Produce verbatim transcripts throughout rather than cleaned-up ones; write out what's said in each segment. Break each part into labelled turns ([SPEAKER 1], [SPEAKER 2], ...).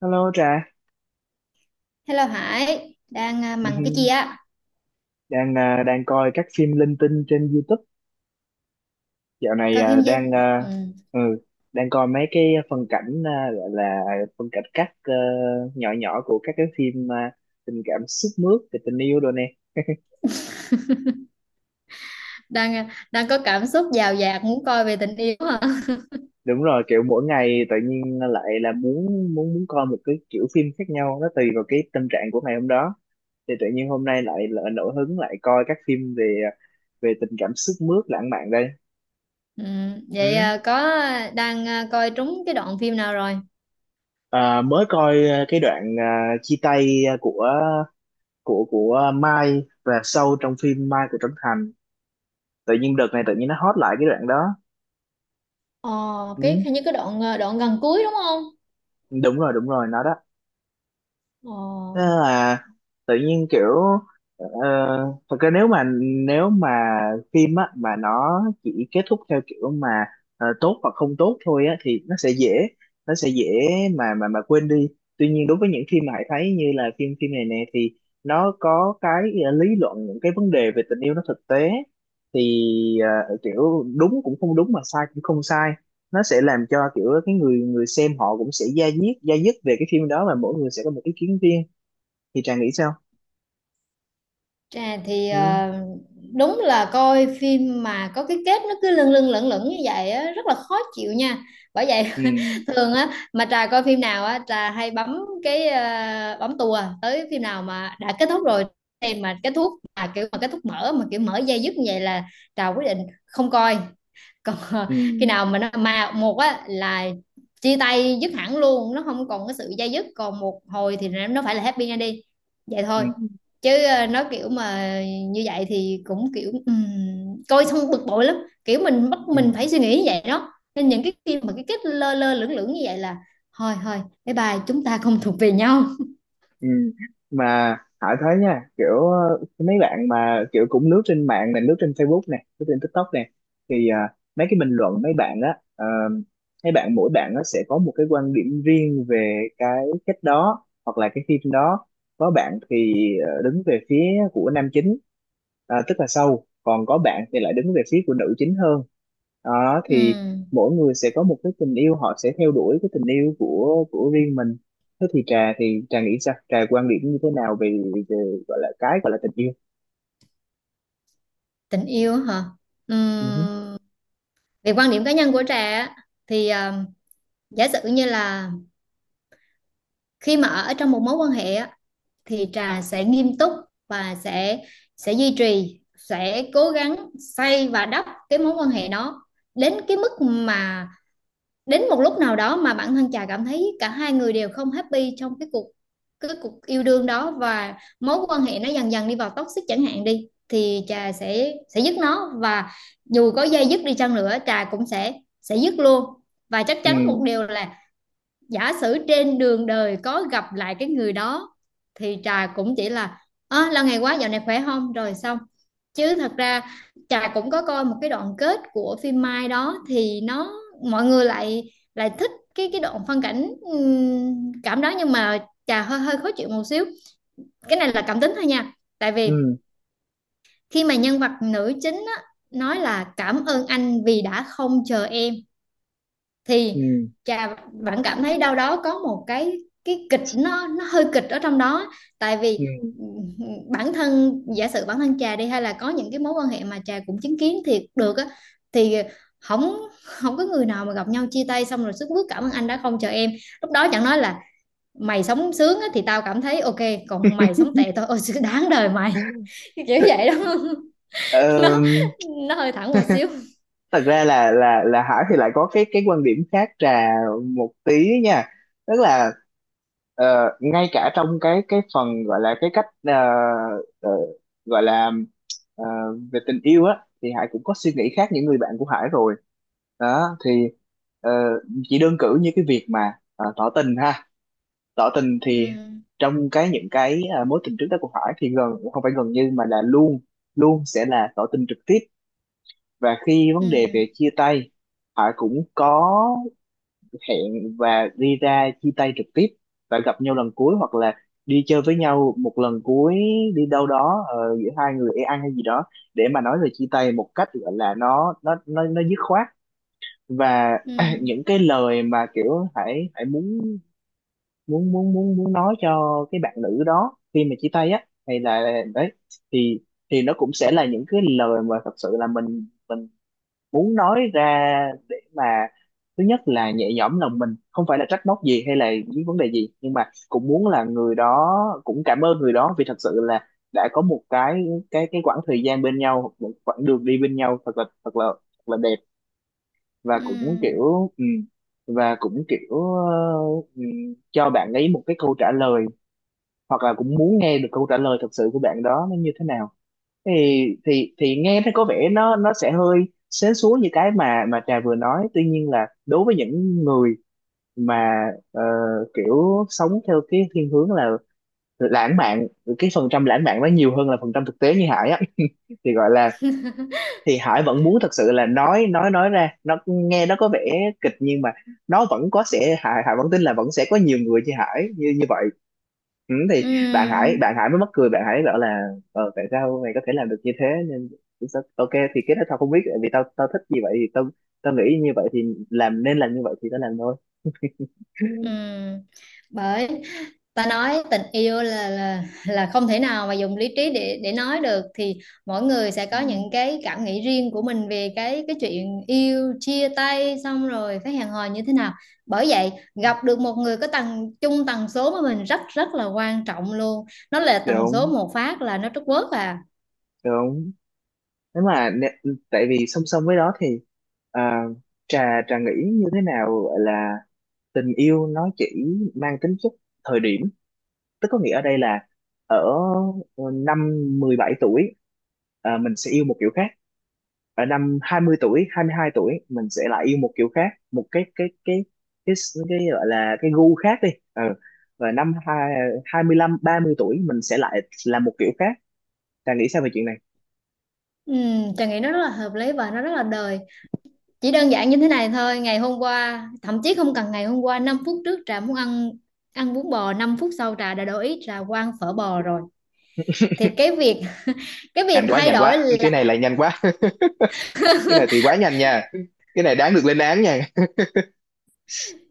[SPEAKER 1] Hello Trà.
[SPEAKER 2] Hello Hải, đang à,
[SPEAKER 1] Ừ
[SPEAKER 2] mằng cái
[SPEAKER 1] hừ.
[SPEAKER 2] gì á?
[SPEAKER 1] đang à, đang coi các phim linh tinh trên YouTube dạo này.
[SPEAKER 2] Coi
[SPEAKER 1] À,
[SPEAKER 2] phim chứ?
[SPEAKER 1] đang à,
[SPEAKER 2] Ừ.
[SPEAKER 1] ừ, đang coi mấy cái phân cảnh, à, gọi là phân cảnh cắt ờ, nhỏ nhỏ của các cái phim à, tình cảm sướt mướt về tình yêu rồi nè.
[SPEAKER 2] Đang à, đang có cảm xúc dào dạt muốn coi về tình yêu hả?
[SPEAKER 1] Đúng rồi, kiểu mỗi ngày tự nhiên lại là muốn, muốn muốn coi một cái kiểu phim khác nhau, nó tùy vào cái tâm trạng của ngày hôm đó. Thì tự nhiên hôm nay lại, lại nổi hứng lại coi các phim về ờ, về tình cảm sướt mướt lãng mạn đây.
[SPEAKER 2] Ừ.
[SPEAKER 1] Ừ.
[SPEAKER 2] Vậy à, có à, đang à, coi trúng cái đoạn phim nào rồi?
[SPEAKER 1] À, mới coi à, cái đoạn à, chia tay à, của của của Mai và Sâu trong phim Mai của Trấn Thành. Tự nhiên đợt này tự nhiên nó hot lại cái đoạn đó.
[SPEAKER 2] Ồ, cái
[SPEAKER 1] Ừ,
[SPEAKER 2] hình như cái đoạn à, đoạn gần cuối đúng không?
[SPEAKER 1] đúng rồi, đúng rồi, nó đó. Thế
[SPEAKER 2] Ồ.
[SPEAKER 1] là tự nhiên kiểu ờ, thật ra nếu mà, nếu mà phim á mà nó chỉ kết thúc theo kiểu mà ờ, tốt hoặc không tốt thôi á thì nó sẽ dễ, nó sẽ dễ mà mà mà quên đi. Tuy nhiên đối với những phim mà Hải thấy như là phim phim này nè thì nó có cái ờ, lý luận những cái vấn đề về tình yêu, nó thực tế. Thì ờ, kiểu đúng cũng không đúng mà sai cũng không sai, nó sẽ làm cho kiểu cái người người xem họ cũng sẽ da diết da dứt về cái phim đó, và mỗi người sẽ có một ý kiến riêng. Thì Trà nghĩ sao?
[SPEAKER 2] À, thì
[SPEAKER 1] Ừ
[SPEAKER 2] ờ, đúng là coi phim mà có cái kết nó cứ lâng lâng lẩn lẩn như vậy á, rất là khó chịu nha. Bởi vậy
[SPEAKER 1] ừ.
[SPEAKER 2] thường á mà Trà coi phim nào á, Trà hay bấm cái ờ, bấm tua tới phim nào mà đã kết thúc rồi. Em mà kết thúc mà kiểu mà kết thúc mở mà kiểu mở dây dứt như vậy là Trà quyết định không coi. Còn
[SPEAKER 1] Ừ.
[SPEAKER 2] khi nào mà nó mà một á là chia tay dứt hẳn luôn, nó không còn cái sự dây dứt còn một hồi thì nó phải là happy ra đi, vậy
[SPEAKER 1] Ừ
[SPEAKER 2] thôi.
[SPEAKER 1] ừ
[SPEAKER 2] Chứ ờ, nó kiểu mà như vậy thì cũng kiểu ừm, coi xong bực bội lắm. Kiểu mình bắt
[SPEAKER 1] ừ.
[SPEAKER 2] mình phải suy nghĩ như vậy đó, nên những cái khi mà cái kết lơ lơ lửng lửng như vậy là thôi thôi, bye bye, chúng ta không thuộc về nhau.
[SPEAKER 1] Ừ. Mà Hải thấy nha, kiểu ờ, mấy bạn mà kiểu cũng lướt trên mạng này, lướt trên Facebook này, lướt trên TikTok này, thì ờ, mấy cái bình luận mấy bạn á, ờ, mấy bạn, mỗi bạn nó sẽ có một cái quan điểm riêng về cái cách đó hoặc là cái phim đó. Có bạn thì ờ, đứng về phía của nam chính, ờ, tức là Sâu, còn có bạn thì lại đứng về phía của nữ chính hơn. Đó thì
[SPEAKER 2] Ừm,
[SPEAKER 1] mỗi người sẽ có một cái tình yêu, họ sẽ theo đuổi cái tình yêu của của riêng mình. Thế thì trà thì Trà nghĩ sao, Trà quan điểm như thế nào về, về gọi là cái gọi là tình yêu?
[SPEAKER 2] tình yêu á hả?
[SPEAKER 1] Ừ
[SPEAKER 2] Ừm, về quan điểm cá nhân của Trà á, thì ờ, giả sử như là khi mà ở trong một mối quan hệ á, thì Trà sẽ nghiêm túc và sẽ sẽ duy trì, sẽ cố gắng xây và đắp cái mối quan hệ đó đến cái mức mà đến một lúc nào đó mà bản thân Trà cảm thấy cả hai người đều không happy trong cái cuộc cái cuộc yêu đương đó, và mối quan hệ nó dần dần đi vào toxic chẳng hạn đi, thì Trà sẽ sẽ dứt nó, và dù có dây dứt đi chăng nữa Trà cũng sẽ sẽ dứt luôn. Và chắc
[SPEAKER 1] ừ
[SPEAKER 2] chắn một điều là giả sử trên đường đời có gặp lại cái người đó thì Trà cũng chỉ là à, là ngày quá dạo này khỏe không rồi xong. Chứ thật ra Trà cũng có coi một cái đoạn kết của phim Mai đó, thì nó mọi người lại lại thích cái cái đoạn phân cảnh ừm, cảm đó, nhưng mà Trà hơi hơi khó chịu một xíu. Cái này là cảm tính thôi nha. Tại vì
[SPEAKER 1] ừ
[SPEAKER 2] khi mà nhân vật nữ chính á, nói là cảm ơn anh vì đã không chờ em, thì
[SPEAKER 1] ừ
[SPEAKER 2] Trà vẫn cảm thấy đâu đó có một cái cái kịch, nó nó hơi kịch ở trong đó. Tại vì
[SPEAKER 1] ừ.
[SPEAKER 2] ừ, bản thân, giả sử bản thân Trà đi hay là có những cái mối quan hệ mà Trà cũng chứng kiến thiệt được á, thì không không có người nào mà gặp nhau chia tay xong rồi sức bước cảm ơn anh đã không chờ em. Lúc đó chẳng nói là mày sống sướng á, thì tao cảm thấy ok, còn mày sống tệ thôi ôi sự đáng đời mày, kiểu vậy đó. nó
[SPEAKER 1] Ờm,
[SPEAKER 2] nó hơi thẳng một xíu.
[SPEAKER 1] Thật ra là là là Hải thì lại có cái cái quan điểm khác Trà một tí nha. Tức là ờ, ngay cả trong cái cái phần gọi là cái cách, ờ, ờ, gọi là ờ, về tình yêu á, thì Hải cũng có suy nghĩ khác những người bạn của Hải rồi. Đó thì ờ, chỉ đơn cử như cái việc mà ờ, tỏ tình ha. Tỏ tình thì
[SPEAKER 2] Ừ,
[SPEAKER 1] trong cái những cái à, mối tình trước đó của Hải thì gần, không phải gần, như mà là luôn, luôn sẽ là tỏ tình trực tiếp. Và khi vấn đề
[SPEAKER 2] ừ,
[SPEAKER 1] về chia tay, Hải cũng có hẹn và đi ra chia tay trực tiếp, và gặp nhau lần cuối, hoặc là đi chơi với nhau một lần cuối, đi đâu đó, ờ, giữa hai người đi ăn hay gì đó, để mà nói về chia tay một cách gọi là nó nó nó nó dứt khoát. Và
[SPEAKER 2] ừ,
[SPEAKER 1] những cái lời mà kiểu Hải Hải muốn, muốn muốn muốn muốn nói cho cái bạn nữ đó khi mà chia tay á hay là đấy, thì thì nó cũng sẽ là những cái lời mà thật sự là mình mình muốn nói ra. Để mà thứ nhất là nhẹ nhõm lòng mình, không phải là trách móc gì hay là những vấn đề gì, nhưng mà cũng muốn là người đó, cũng cảm ơn người đó vì thật sự là đã có một cái cái cái quãng thời gian bên nhau, một quãng đường đi bên nhau thật là, thật là thật là đẹp. Và
[SPEAKER 2] ừ.
[SPEAKER 1] cũng kiểu ừ, và cũng kiểu ờ, ừ, cho bạn ấy một cái câu trả lời, hoặc là cũng muốn nghe được câu trả lời thật sự của bạn đó nó như thế nào. Thì thì thì nghe thấy có vẻ nó nó sẽ hơi sến súa như cái mà mà Trà vừa nói. Tuy nhiên là đối với những người mà ờ, kiểu sống theo cái thiên hướng là lãng mạn, cái phần trăm lãng mạn nó nhiều hơn là phần trăm thực tế như Hải á, thì gọi là thì Hải vẫn muốn thật sự là nói, nói nói ra nó nghe nó có vẻ kịch, nhưng mà nó vẫn có sẽ Hải Hải vẫn tin là vẫn sẽ có nhiều người như Hải như như vậy. Ừ, thì bạn
[SPEAKER 2] Ừ,
[SPEAKER 1] Hải bạn Hải mới mắc cười, bạn Hải bảo là ờ tại sao mày có thể làm được như thế. Nên sao- ok, thì cái đó tao không biết, tại vì tao tao thích như vậy thì tao, tao nghĩ như vậy thì làm, nên làm như vậy thì tao làm thôi.
[SPEAKER 2] ừ. Bởi ta nói tình yêu là là là không thể nào mà dùng lý trí để để nói được, thì mỗi người sẽ có những
[SPEAKER 1] Ừ.
[SPEAKER 2] cái cảm nghĩ riêng của mình về cái cái chuyện yêu, chia tay xong rồi phải hẹn hò như thế nào. Bởi vậy gặp được một người có tần chung tần số với mình rất rất là quan trọng luôn. Nó là tần số
[SPEAKER 1] Đúng
[SPEAKER 2] một phát là nó trút quớt à.
[SPEAKER 1] đúng. Nếu mà nè- tại vì song song với đó thì à, trà Trà nghĩ như thế nào, gọi là tình yêu nó chỉ mang tính chất thời điểm. Tức có nghĩa ở đây là ở ờ, năm mười bảy tuổi, à, mình sẽ yêu một kiểu khác. Ở năm hai mươi tuổi, hai mươi hai tuổi mình sẽ lại yêu một kiểu khác, một cái cái cái cái, cái, gọi là cái gu khác đi. Ừ. Và năm hai hai mươi lăm, ba mươi tuổi mình sẽ lại là một kiểu khác. Trang nghĩ sao về chuyện này?
[SPEAKER 2] Ừ, Trà nghĩ nó rất là hợp lý và nó rất là đời. Chỉ đơn giản như thế này thôi, ngày hôm qua, thậm chí không cần ngày hôm qua, năm phút trước Trà muốn ăn ăn bún bò, năm phút sau Trà đã đổi ý, Trà qua ăn phở bò rồi. Thì cái việc cái
[SPEAKER 1] Nhanh
[SPEAKER 2] việc
[SPEAKER 1] quá
[SPEAKER 2] thay
[SPEAKER 1] nhanh
[SPEAKER 2] đổi
[SPEAKER 1] quá, cái
[SPEAKER 2] là
[SPEAKER 1] này lại nhanh quá. Cái này thì quá nhanh nha, cái này đáng được lên án nha.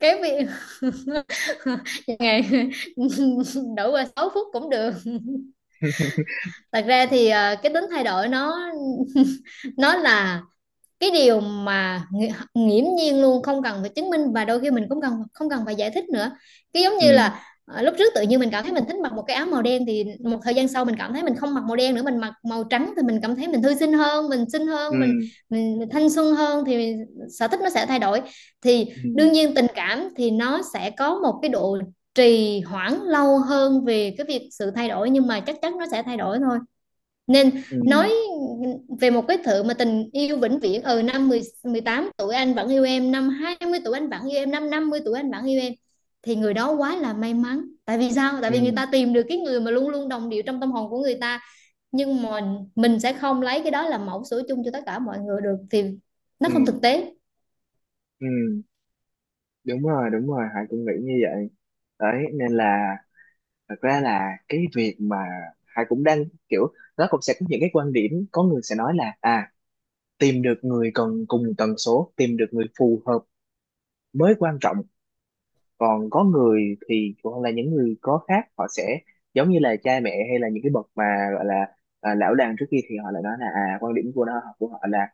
[SPEAKER 2] cái việc ngày đổi qua sáu phút cũng được. Thật ra thì ờ, cái tính thay đổi nó nó là cái điều mà nghi- nghiễm nhiên luôn, không cần phải chứng minh, và đôi khi mình cũng cần không cần phải giải thích nữa. Cái giống
[SPEAKER 1] Ừ.
[SPEAKER 2] như là ờ, lúc trước tự nhiên mình cảm thấy mình thích mặc một cái áo màu đen, thì một thời gian sau mình cảm thấy mình không mặc màu đen nữa, mình mặc màu trắng thì mình cảm thấy mình thư sinh hơn, mình xinh
[SPEAKER 1] Ừ.
[SPEAKER 2] hơn, mình, mình, mình thanh xuân hơn, thì sở thích nó sẽ thay đổi. Thì
[SPEAKER 1] Ừ.
[SPEAKER 2] đương nhiên tình cảm thì nó sẽ có một cái độ trì hoãn lâu hơn về cái việc sự thay đổi, nhưng mà chắc chắn nó sẽ thay đổi thôi. Nên
[SPEAKER 1] Ừ.
[SPEAKER 2] nói về một cái thứ mà tình yêu vĩnh viễn, ừ năm mười mười tám tuổi anh vẫn yêu em, năm hai mươi tuổi anh vẫn yêu em, năm năm mươi tuổi anh vẫn yêu em, thì người đó quá là may mắn, tại vì sao? Tại
[SPEAKER 1] Ừ.
[SPEAKER 2] vì người ta tìm được cái người mà luôn luôn đồng điệu trong tâm hồn của người ta. Nhưng mà mình sẽ không lấy cái đó làm mẫu số chung cho tất cả mọi người được, thì
[SPEAKER 1] Ừ.
[SPEAKER 2] nó không thực tế.
[SPEAKER 1] Ừ, đúng rồi, đúng rồi, Hải cũng nghĩ như vậy. Đấy, nên là thật ra là cái việc mà Hải cũng đang kiểu, nó cũng sẽ có những cái quan điểm. Có người sẽ nói là à, tìm được người cần cùng tần số, tìm được người phù hợp mới quan trọng. Còn có người thì, hoặc là những người có khác, họ sẽ giống như là cha mẹ hay là những cái bậc mà gọi là à, lão đàn trước kia, thì họ lại nói là à, quan điểm của nó của họ là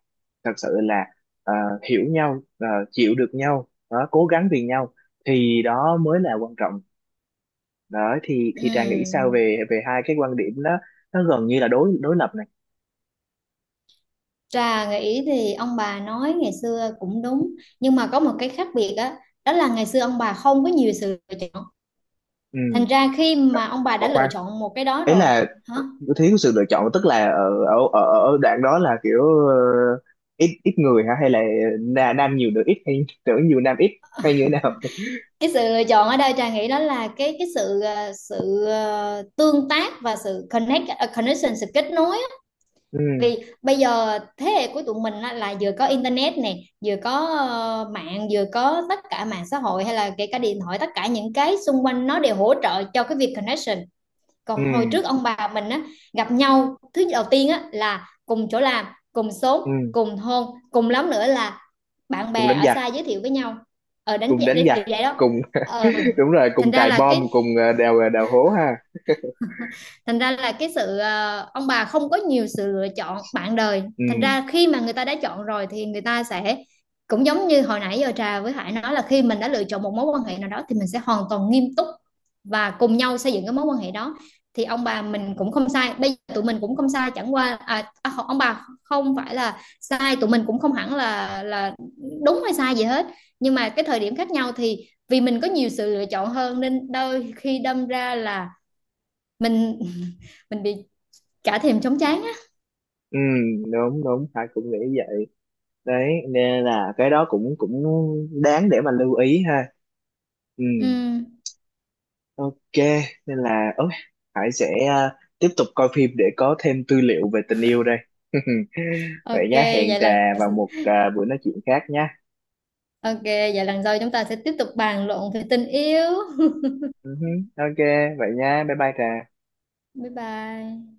[SPEAKER 1] thật sự là à, hiểu nhau, à, chịu được nhau đó, cố gắng vì nhau, thì đó mới là quan trọng. Đó thì thì Trà nghĩ sao
[SPEAKER 2] Ừm.
[SPEAKER 1] về, về hai cái quan điểm đó, nó gần như là đối đối lập này.
[SPEAKER 2] Trà nghĩ thì ông bà nói ngày xưa cũng đúng, nhưng mà có một cái khác biệt á, đó là ngày xưa ông bà không có nhiều sự lựa chọn,
[SPEAKER 1] Ừ,
[SPEAKER 2] thành ra khi mà ông bà đã
[SPEAKER 1] còn
[SPEAKER 2] lựa
[SPEAKER 1] khoan,
[SPEAKER 2] chọn một cái đó
[SPEAKER 1] ấy
[SPEAKER 2] rồi.
[SPEAKER 1] là
[SPEAKER 2] Hả?
[SPEAKER 1] nó thiếu sự lựa chọn, tức là ở ở ở, ở, đoạn đó là kiểu ờ, ít, ít người hả, hay là na- nam nhiều nữ ít hay nữ nhiều nam ít hay như thế nào?
[SPEAKER 2] Cái sự lựa chọn ở đây Trà nghĩ đó là cái cái sự ờ, sự ờ, tương tác và sự connect ờ, connection, sự kết nối á.
[SPEAKER 1] Ừ
[SPEAKER 2] Vì bây giờ thế hệ của tụi mình á, là vừa có internet nè, vừa có ờ, mạng, vừa có tất cả mạng xã hội hay là kể cả điện thoại, tất cả những cái xung quanh nó đều hỗ trợ cho cái việc connection.
[SPEAKER 1] ừ
[SPEAKER 2] Còn hồi trước ông bà mình á, gặp nhau thứ đầu tiên á là cùng chỗ làm, cùng xóm,
[SPEAKER 1] ừ.
[SPEAKER 2] cùng thôn, cùng lắm nữa là bạn
[SPEAKER 1] Cùng
[SPEAKER 2] bè
[SPEAKER 1] đánh
[SPEAKER 2] ở
[SPEAKER 1] giặc.
[SPEAKER 2] xa giới thiệu với nhau, ở đánh
[SPEAKER 1] Cùng
[SPEAKER 2] giá
[SPEAKER 1] đánh
[SPEAKER 2] đấy
[SPEAKER 1] giặc.
[SPEAKER 2] kiểu vậy đó.
[SPEAKER 1] Cùng
[SPEAKER 2] ờ
[SPEAKER 1] đúng rồi,
[SPEAKER 2] thành
[SPEAKER 1] cùng
[SPEAKER 2] ra
[SPEAKER 1] cài
[SPEAKER 2] là
[SPEAKER 1] bom,
[SPEAKER 2] cái
[SPEAKER 1] cùng ờ, đào, đào hố ha.
[SPEAKER 2] thành ra là cái sự ờ, ông bà không có nhiều sự lựa chọn bạn đời,
[SPEAKER 1] Ừ
[SPEAKER 2] thành ra khi mà người ta đã chọn rồi thì người ta sẽ cũng giống như hồi nãy giờ Trà với Hải nói là khi mình đã lựa chọn một mối quan hệ nào đó thì mình sẽ hoàn toàn nghiêm túc và cùng nhau xây dựng cái mối quan hệ đó. Thì ông bà mình cũng không sai, bây giờ tụi mình cũng không sai, chẳng qua à, à, ông bà không phải là sai, tụi mình cũng không hẳn là là đúng hay sai gì hết. Nhưng mà cái thời điểm khác nhau thì vì mình có nhiều sự lựa chọn hơn nên đôi khi đâm ra là mình mình bị cả thèm chóng trán á.
[SPEAKER 1] ừ. Đúng đúng, phải cũng nghĩ vậy. Đấy, nên là cái đó cũng cũng đáng để mà lưu ý ha. Ừ.
[SPEAKER 2] Ừm,
[SPEAKER 1] Ok, nên là ôi, Hải sẽ à, tiếp tục coi phim để có thêm tư liệu về tình yêu đây. Vậy
[SPEAKER 2] ok
[SPEAKER 1] nhá, hẹn
[SPEAKER 2] vậy
[SPEAKER 1] Trà
[SPEAKER 2] lần
[SPEAKER 1] vào một à, buổi nói chuyện khác nhá.
[SPEAKER 2] ok vậy lần sau chúng ta sẽ tiếp tục bàn luận về tình yêu.
[SPEAKER 1] Ừ hứ, ok, vậy nhá, bye bye Trà.
[SPEAKER 2] Bye bye.